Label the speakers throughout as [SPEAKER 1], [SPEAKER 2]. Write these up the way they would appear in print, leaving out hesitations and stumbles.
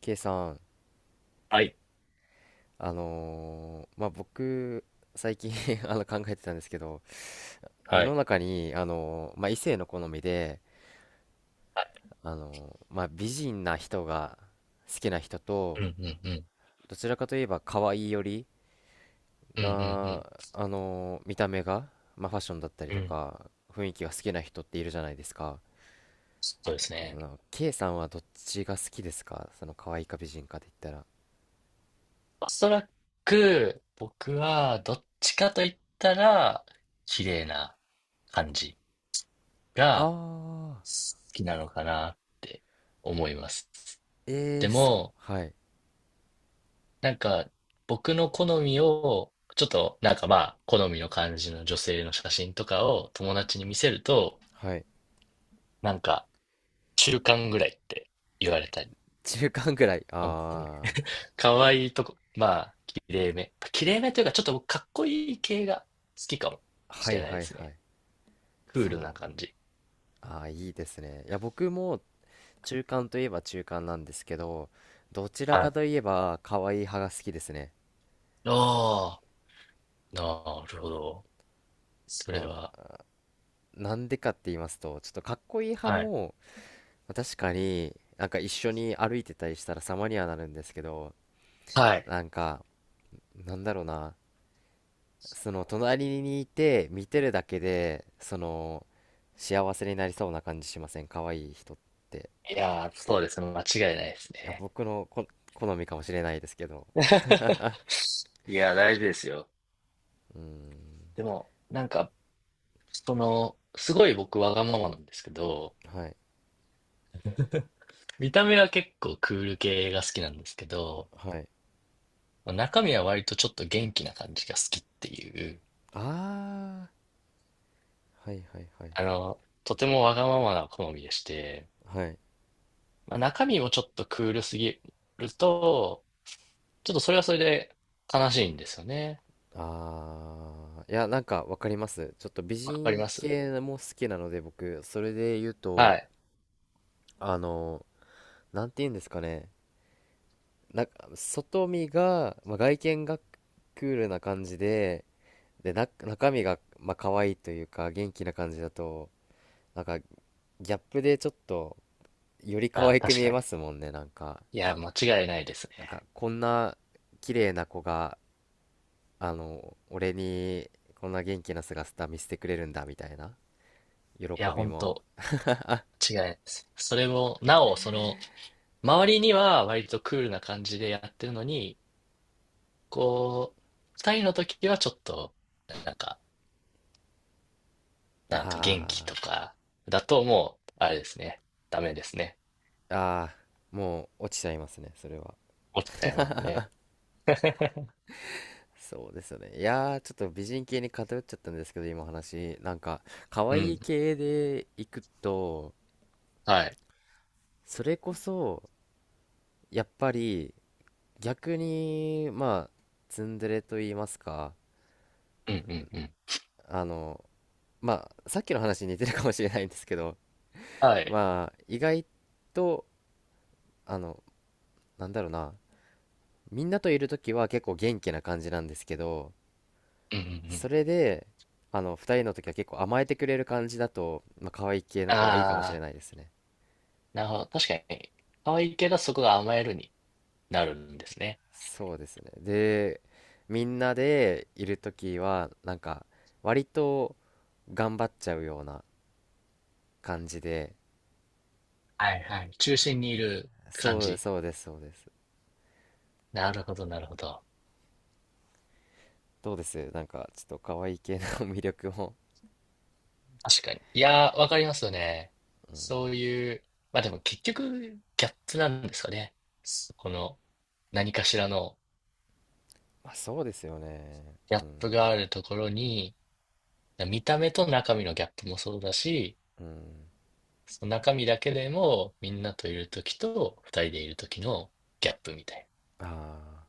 [SPEAKER 1] K さん、
[SPEAKER 2] はい。
[SPEAKER 1] まあ、僕、最近 考えてたんですけど、世
[SPEAKER 2] は
[SPEAKER 1] の
[SPEAKER 2] い。
[SPEAKER 1] 中に、まあ、異性の好みで、
[SPEAKER 2] はい。
[SPEAKER 1] まあ、美人な人が好きな人
[SPEAKER 2] う
[SPEAKER 1] と、
[SPEAKER 2] んうんうん。
[SPEAKER 1] どちらかといえば可愛いより
[SPEAKER 2] うんう
[SPEAKER 1] な、
[SPEAKER 2] ん
[SPEAKER 1] 見た目が、まあ、ファッションだったり
[SPEAKER 2] うん。う
[SPEAKER 1] と
[SPEAKER 2] ん。
[SPEAKER 1] か、雰囲気が好きな人っているじゃないですか。
[SPEAKER 2] そうですね。
[SPEAKER 1] K さんはどっちが好きですか、その可愛いか美人かって言ったら。
[SPEAKER 2] おそらく、僕は、どっちかと言ったら、綺麗な感じが
[SPEAKER 1] あ
[SPEAKER 2] 好きなのかなって思います。
[SPEAKER 1] ー、え
[SPEAKER 2] で
[SPEAKER 1] ー、そう、
[SPEAKER 2] も、
[SPEAKER 1] はい、
[SPEAKER 2] なんか、僕の好みを、ちょっと、好みの感じの女性の写真とかを友達に見せると、
[SPEAKER 1] はい。
[SPEAKER 2] なんか、中間ぐらいって言われたり、
[SPEAKER 1] 中間ぐらい。
[SPEAKER 2] 本当に
[SPEAKER 1] あ、
[SPEAKER 2] 可愛いとこ。まあ、綺麗め。綺麗めというか、ちょっと僕かっこいい系が好きかも
[SPEAKER 1] は
[SPEAKER 2] し
[SPEAKER 1] い
[SPEAKER 2] れない
[SPEAKER 1] は
[SPEAKER 2] で
[SPEAKER 1] い
[SPEAKER 2] す
[SPEAKER 1] は
[SPEAKER 2] ね。
[SPEAKER 1] い。
[SPEAKER 2] クー
[SPEAKER 1] そ
[SPEAKER 2] ルな
[SPEAKER 1] う。
[SPEAKER 2] 感じ。
[SPEAKER 1] ああ、いいですね。いや、僕も中間といえば中間なんですけど、どちら
[SPEAKER 2] は
[SPEAKER 1] か
[SPEAKER 2] い。
[SPEAKER 1] といえば可愛い派が好きですね。
[SPEAKER 2] ああ、なるほど。それ
[SPEAKER 1] ま
[SPEAKER 2] は。
[SPEAKER 1] あ、なんでかって言いますと、ちょっとかっこいい派
[SPEAKER 2] はい。
[SPEAKER 1] も、まあ確かになんか一緒に歩いてたりしたら様にはなるんですけど、
[SPEAKER 2] はい。
[SPEAKER 1] なんか、なんだろうな、その隣にいて見てるだけで、その、幸せになりそうな感じしません？可愛い人って。
[SPEAKER 2] いやー、そうですね。間違いないです
[SPEAKER 1] いや、
[SPEAKER 2] ね。
[SPEAKER 1] 僕の好みかもしれないですけど。
[SPEAKER 2] いやー、大事ですよ。
[SPEAKER 1] うーん。
[SPEAKER 2] でも、その、すごい僕わがままなんですけど、
[SPEAKER 1] はい
[SPEAKER 2] 見た目は結構クール系が好きなんですけど、
[SPEAKER 1] はい。
[SPEAKER 2] 中身は割とちょっと元気な感じが好きっていう。
[SPEAKER 1] ああー、はいはいはい。
[SPEAKER 2] あの、とてもわがままな好みでして、
[SPEAKER 1] はい。
[SPEAKER 2] まあ、中身もちょっとクールすぎると、ちょっとそれはそれで悲しいんですよね。
[SPEAKER 1] ああー、いや、なんかわかります。ちょっと美
[SPEAKER 2] わかり
[SPEAKER 1] 人
[SPEAKER 2] ます、
[SPEAKER 1] 系も好きなので、僕、それで言う
[SPEAKER 2] は
[SPEAKER 1] と、
[SPEAKER 2] い。
[SPEAKER 1] あのなんて言うんですかね。なんか外見が、まあ、外見がクールな感じで、でな、中身がまあ可愛いというか元気な感じだと、なんかギャップでちょっとより可
[SPEAKER 2] ああ、
[SPEAKER 1] 愛く
[SPEAKER 2] 確
[SPEAKER 1] 見
[SPEAKER 2] か
[SPEAKER 1] え
[SPEAKER 2] に。
[SPEAKER 1] ますもんね、なんか。
[SPEAKER 2] いや、間違いないです
[SPEAKER 1] なん
[SPEAKER 2] ね。
[SPEAKER 1] かこんな綺麗な子が俺にこんな元気な姿見せてくれるんだみたいな喜
[SPEAKER 2] いや、
[SPEAKER 1] び
[SPEAKER 2] 本
[SPEAKER 1] も。
[SPEAKER 2] 当間違いないです。それも、なお、その、周りには割とクールな感じでやってるのに、こう、二人の時はちょっと、なんか、なんか元気と
[SPEAKER 1] あ
[SPEAKER 2] か、だともう、あれですね。ダメですね。
[SPEAKER 1] ー、あー、もう落ちちゃいますね、それは。
[SPEAKER 2] 落ちちゃいますね。
[SPEAKER 1] そうですよね。いやー、ちょっと美人系に偏っちゃったんですけど、今、話、なんか可
[SPEAKER 2] う
[SPEAKER 1] 愛い
[SPEAKER 2] ん。
[SPEAKER 1] 系でいくと、
[SPEAKER 2] はい。
[SPEAKER 1] それこそやっぱり逆にまあ、ツンデレと言いますか、
[SPEAKER 2] うんうんうん。
[SPEAKER 1] あのまあ、さっきの話に似てるかもしれないんですけど、
[SPEAKER 2] はい。
[SPEAKER 1] まあ、意外とあのなんだろうな、みんなといる時は結構元気な感じなんですけど、
[SPEAKER 2] うんうんうん。
[SPEAKER 1] それで、二人の時は結構甘えてくれる感じだと、まあ、可愛い系の子はいいかもしれ
[SPEAKER 2] ああ、
[SPEAKER 1] ないですね。
[SPEAKER 2] なるほど。確かに、可愛いけど、そこが甘えるになるんですね。
[SPEAKER 1] そうですね。で、みんなでいる時は、なんか、割と頑張っちゃうような感じで。
[SPEAKER 2] はいはい。中心にいる感
[SPEAKER 1] そう
[SPEAKER 2] じ。
[SPEAKER 1] そうです、そうです。
[SPEAKER 2] なるほど、なるほど。
[SPEAKER 1] どうです？なんか、ちょっと可愛い系の 魅力も。
[SPEAKER 2] 確かに。いやー、わかりますよね。そういう、まあでも結局、ギャップなんですかね。そこの、何かしらの
[SPEAKER 1] まあ、そうですよね。
[SPEAKER 2] ギ
[SPEAKER 1] う
[SPEAKER 2] ャッ
[SPEAKER 1] ん。
[SPEAKER 2] プがあるところに、見た目と中身のギャップもそうだし、
[SPEAKER 1] うん。
[SPEAKER 2] その中身だけでも、みんなといるときと、二人でいるときのギャップみたいな。
[SPEAKER 1] ああ、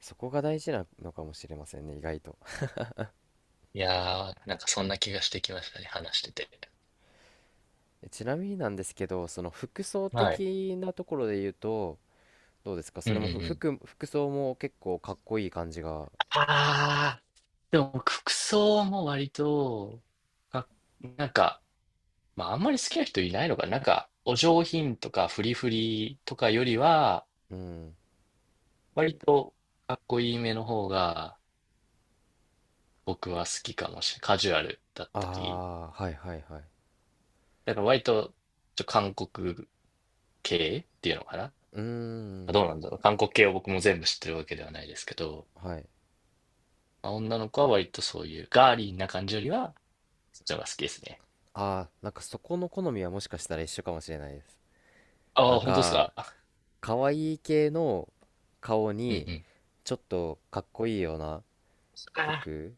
[SPEAKER 1] そこが大事なのかもしれませんね、意外と。
[SPEAKER 2] いやー、なんかそんな気がしてきましたね、話してて。
[SPEAKER 1] ちなみになんですけど、その服装
[SPEAKER 2] はい。
[SPEAKER 1] 的なところで言うと、どうですか、
[SPEAKER 2] う
[SPEAKER 1] そ
[SPEAKER 2] ん
[SPEAKER 1] れ
[SPEAKER 2] うん
[SPEAKER 1] も
[SPEAKER 2] うん。
[SPEAKER 1] 服、服装も結構かっこいい感じが。
[SPEAKER 2] あー、でも僕服装も割と、かなんか、まああんまり好きな人いないのかな。お上品とかフリフリとかよりは、
[SPEAKER 1] うん。
[SPEAKER 2] 割とかっこいいめの方が僕は好きかもしれない。カジュアルだっ
[SPEAKER 1] あ
[SPEAKER 2] たり。
[SPEAKER 1] あ、はいはいはい。
[SPEAKER 2] だから割と、韓国系っていうのかな。
[SPEAKER 1] うーん。
[SPEAKER 2] どうなんだろう。韓国系を僕も全部知ってるわけではないですけど、
[SPEAKER 1] はい。
[SPEAKER 2] まあ、女の子は割とそういうガーリーな感じよりは、そっちの方が好きですね。
[SPEAKER 1] ああ、なんかそこの好みはもしかしたら一緒かもしれないです。
[SPEAKER 2] あ
[SPEAKER 1] な
[SPEAKER 2] あ、
[SPEAKER 1] ん
[SPEAKER 2] 本当です
[SPEAKER 1] か、
[SPEAKER 2] か。
[SPEAKER 1] 可愛い系の顔
[SPEAKER 2] うん
[SPEAKER 1] に、
[SPEAKER 2] うん。
[SPEAKER 1] ちょっとかっこいいような
[SPEAKER 2] ああ、
[SPEAKER 1] 服、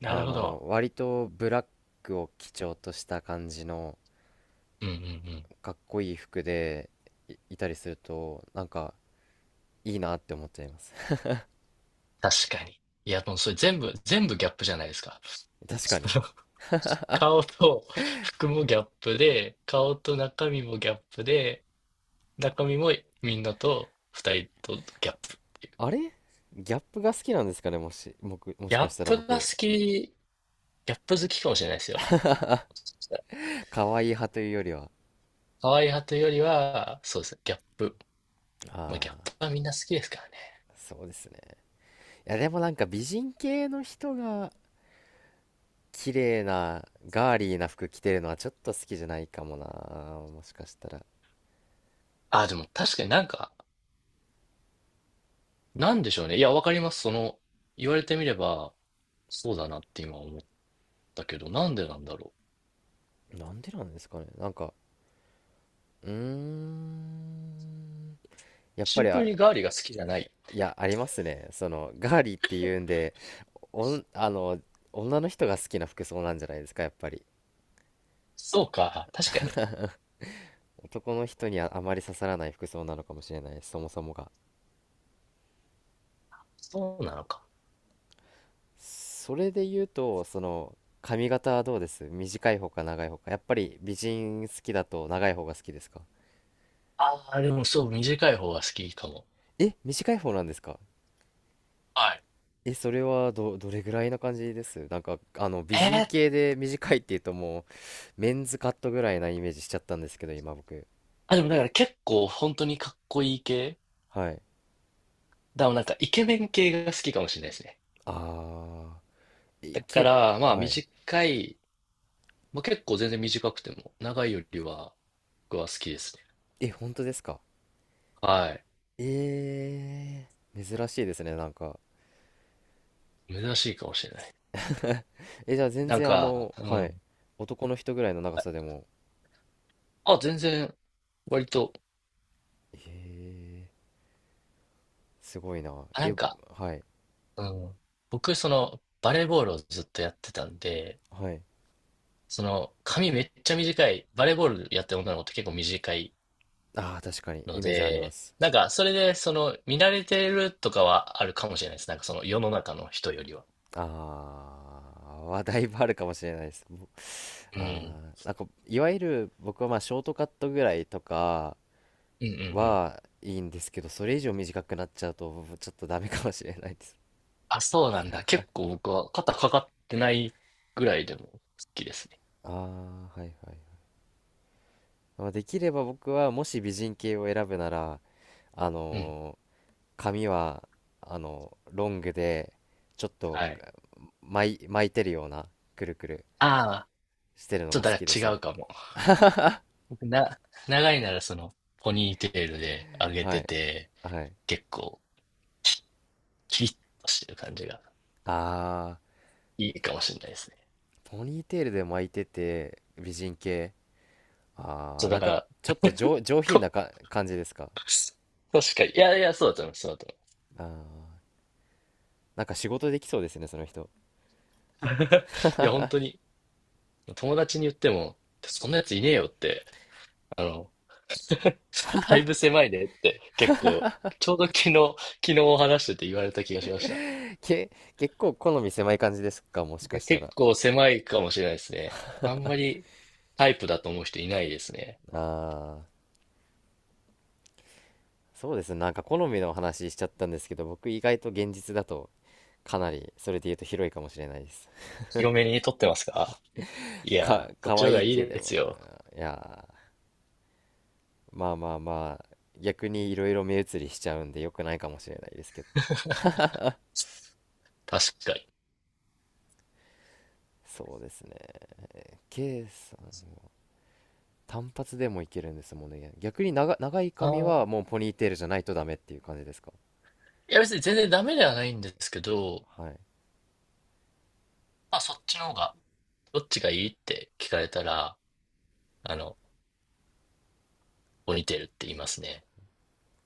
[SPEAKER 2] なるほど。
[SPEAKER 1] 割とブラックを基調とした感じの、
[SPEAKER 2] うんうんうん。
[SPEAKER 1] かっこいい服でいたりするとなんかいいなって思っちゃいます。
[SPEAKER 2] 確かに。いや、もうそれ全部、全部ギャップじゃないですか。
[SPEAKER 1] 確か
[SPEAKER 2] そ
[SPEAKER 1] に。
[SPEAKER 2] の顔と服もギャップで、顔と中身もギャップで、中身もみんなと二人とギャップっていう。
[SPEAKER 1] あれ、ギャップが好きなんですかね。僕、も
[SPEAKER 2] ギ
[SPEAKER 1] しか
[SPEAKER 2] ャッ
[SPEAKER 1] したら
[SPEAKER 2] プが好
[SPEAKER 1] 僕、
[SPEAKER 2] き、ギャップ好きかもしれないですよ。
[SPEAKER 1] 可愛い派というよりは。
[SPEAKER 2] 可愛い派というよりは、そうですね、ギャップ。まあ、ギャッ
[SPEAKER 1] あ
[SPEAKER 2] プはみんな好きですからね。
[SPEAKER 1] あ、そうですね。いや、でもなんか美人系の人が綺麗なガーリーな服着てるのはちょっと好きじゃないかもな、もしかしたら。
[SPEAKER 2] あ、でも確かになんか、なんでしょうね。いや、わかります。その、言われてみれば、そうだなって今思ったけど、なんでなんだろう。
[SPEAKER 1] なんでなんですかね。なんか、うーん、やっ
[SPEAKER 2] シ
[SPEAKER 1] ぱ
[SPEAKER 2] ン
[SPEAKER 1] り
[SPEAKER 2] プルにガーリーが好きじゃない。
[SPEAKER 1] いや、ありますね。その、ガーリーっていうんで、おん、あの、女の人が好きな服装なんじゃないですか、やっぱり。
[SPEAKER 2] そうか、確かに。
[SPEAKER 1] 男の人にはあまり刺さらない服装なのかもしれない、そもそもが。
[SPEAKER 2] そうなのか。
[SPEAKER 1] それで言うと、その、髪型はどうです、短い方か長い方か。やっぱり美人好きだと長い方が好きですか？
[SPEAKER 2] ああ、でもそう、短い方が好きかも。
[SPEAKER 1] え、短い方なんですか？
[SPEAKER 2] はい。
[SPEAKER 1] え、それはどれぐらいな感じです？なんか、美人
[SPEAKER 2] えー、
[SPEAKER 1] 系で短いっていうともう、メンズカットぐらいなイメージしちゃったんですけど、今僕。
[SPEAKER 2] あ、でもだから結構本当にかっこいい系
[SPEAKER 1] はい。
[SPEAKER 2] だからなんかイケメン系が好きかもしれないですね。
[SPEAKER 1] あ、い
[SPEAKER 2] だか
[SPEAKER 1] け、
[SPEAKER 2] ら、まあ
[SPEAKER 1] はい。
[SPEAKER 2] 短いまあ、結構全然短くても、長いよりは僕は好きですね。
[SPEAKER 1] え、本当ですか？
[SPEAKER 2] はい。
[SPEAKER 1] えー、珍しいですね、なんか。
[SPEAKER 2] 珍しいかもしれない。
[SPEAKER 1] え、じゃあ全
[SPEAKER 2] なん
[SPEAKER 1] 然
[SPEAKER 2] か、う
[SPEAKER 1] はい。
[SPEAKER 2] ん。
[SPEAKER 1] 男の人ぐらいの長さでも。
[SPEAKER 2] あ、全然、割と、
[SPEAKER 1] えー、すごいな。
[SPEAKER 2] あ、
[SPEAKER 1] え、はい、
[SPEAKER 2] うん。僕、その、バレーボールをずっとやってたんで、
[SPEAKER 1] はい。
[SPEAKER 2] その、髪めっちゃ短い、バレーボールやってる女の子って結構短い
[SPEAKER 1] ああ、確かに、
[SPEAKER 2] の
[SPEAKER 1] イメージありま
[SPEAKER 2] で、
[SPEAKER 1] す。
[SPEAKER 2] それで、その、見慣れてるとかはあるかもしれないです。なんか、その、世の中の人よりは。
[SPEAKER 1] ああ、だいぶあるかもしれないです。
[SPEAKER 2] う
[SPEAKER 1] あ
[SPEAKER 2] ん。
[SPEAKER 1] あ、なんか、いわゆる僕はまあショートカットぐらいとか
[SPEAKER 2] うんうんうん。
[SPEAKER 1] はいいんですけど、それ以上短くなっちゃうと、ちょっとダメかもしれないです。
[SPEAKER 2] あ、そうなんだ。結構僕は肩かかってないぐらいでも好きですね。
[SPEAKER 1] ああ、はいはい。まあできれば僕はもし美人系を選ぶなら、あ
[SPEAKER 2] うん。
[SPEAKER 1] のー髪はロングでちょっと
[SPEAKER 2] はい。
[SPEAKER 1] 巻いてるようなくるくる
[SPEAKER 2] ああ、
[SPEAKER 1] してるの
[SPEAKER 2] ちょ
[SPEAKER 1] が
[SPEAKER 2] っと
[SPEAKER 1] 好
[SPEAKER 2] だか
[SPEAKER 1] きです
[SPEAKER 2] ら
[SPEAKER 1] ね。
[SPEAKER 2] 違うかも。僕な、長いならその、ポニーテールで上げ
[SPEAKER 1] は
[SPEAKER 2] て
[SPEAKER 1] い
[SPEAKER 2] て、
[SPEAKER 1] はい。
[SPEAKER 2] 結構、きキリッとしてる感じが
[SPEAKER 1] あ
[SPEAKER 2] いいかもしれないですね。
[SPEAKER 1] ー、ポニーテールで巻いてて美人系。あ
[SPEAKER 2] そう、
[SPEAKER 1] ー、
[SPEAKER 2] だ
[SPEAKER 1] なん
[SPEAKER 2] か
[SPEAKER 1] か
[SPEAKER 2] ら、
[SPEAKER 1] ちょっと上品な
[SPEAKER 2] と
[SPEAKER 1] か感じですか？
[SPEAKER 2] 確かに。いやいや、そうだと思う、そうだと思う。
[SPEAKER 1] あー、なんか仕事できそうですね、その人。
[SPEAKER 2] いや、本当に、友達に言っても、そんなやついねえよって、あの、だいぶ狭いねって結構、ちょうど昨日、昨日話してて言われた気がしました。
[SPEAKER 1] け結構好み狭い感じですか、も
[SPEAKER 2] い
[SPEAKER 1] しか
[SPEAKER 2] や、
[SPEAKER 1] した
[SPEAKER 2] 結
[SPEAKER 1] ら。
[SPEAKER 2] 構狭いかもしれないですね。あんまりタイプだと思う人いないですね。
[SPEAKER 1] あー、そうですね。なんか好みの話しちゃったんですけど、僕意外と現実だとかなり、それで言うと広いかもしれないです。
[SPEAKER 2] 広めに撮ってますか？い やー、そっ
[SPEAKER 1] 可
[SPEAKER 2] ちの方
[SPEAKER 1] 愛
[SPEAKER 2] が
[SPEAKER 1] い
[SPEAKER 2] いい
[SPEAKER 1] けど
[SPEAKER 2] です
[SPEAKER 1] も、
[SPEAKER 2] よ。
[SPEAKER 1] いやー、まあまあまあ、逆にいろいろ目移りしちゃうんで良くないかもしれないですけど。
[SPEAKER 2] 確かに。
[SPEAKER 1] そうですね。K さん、単発でもいけるんですもんね。逆に長い
[SPEAKER 2] あ
[SPEAKER 1] 髪
[SPEAKER 2] ー、
[SPEAKER 1] はもうポニーテールじゃないとダメっていう感じですか？
[SPEAKER 2] いや、別に全然ダメではないんですけど、
[SPEAKER 1] はい。
[SPEAKER 2] まあそっちの方が、どっちがいいって聞かれたら、あの、ポニーテールって言いますね。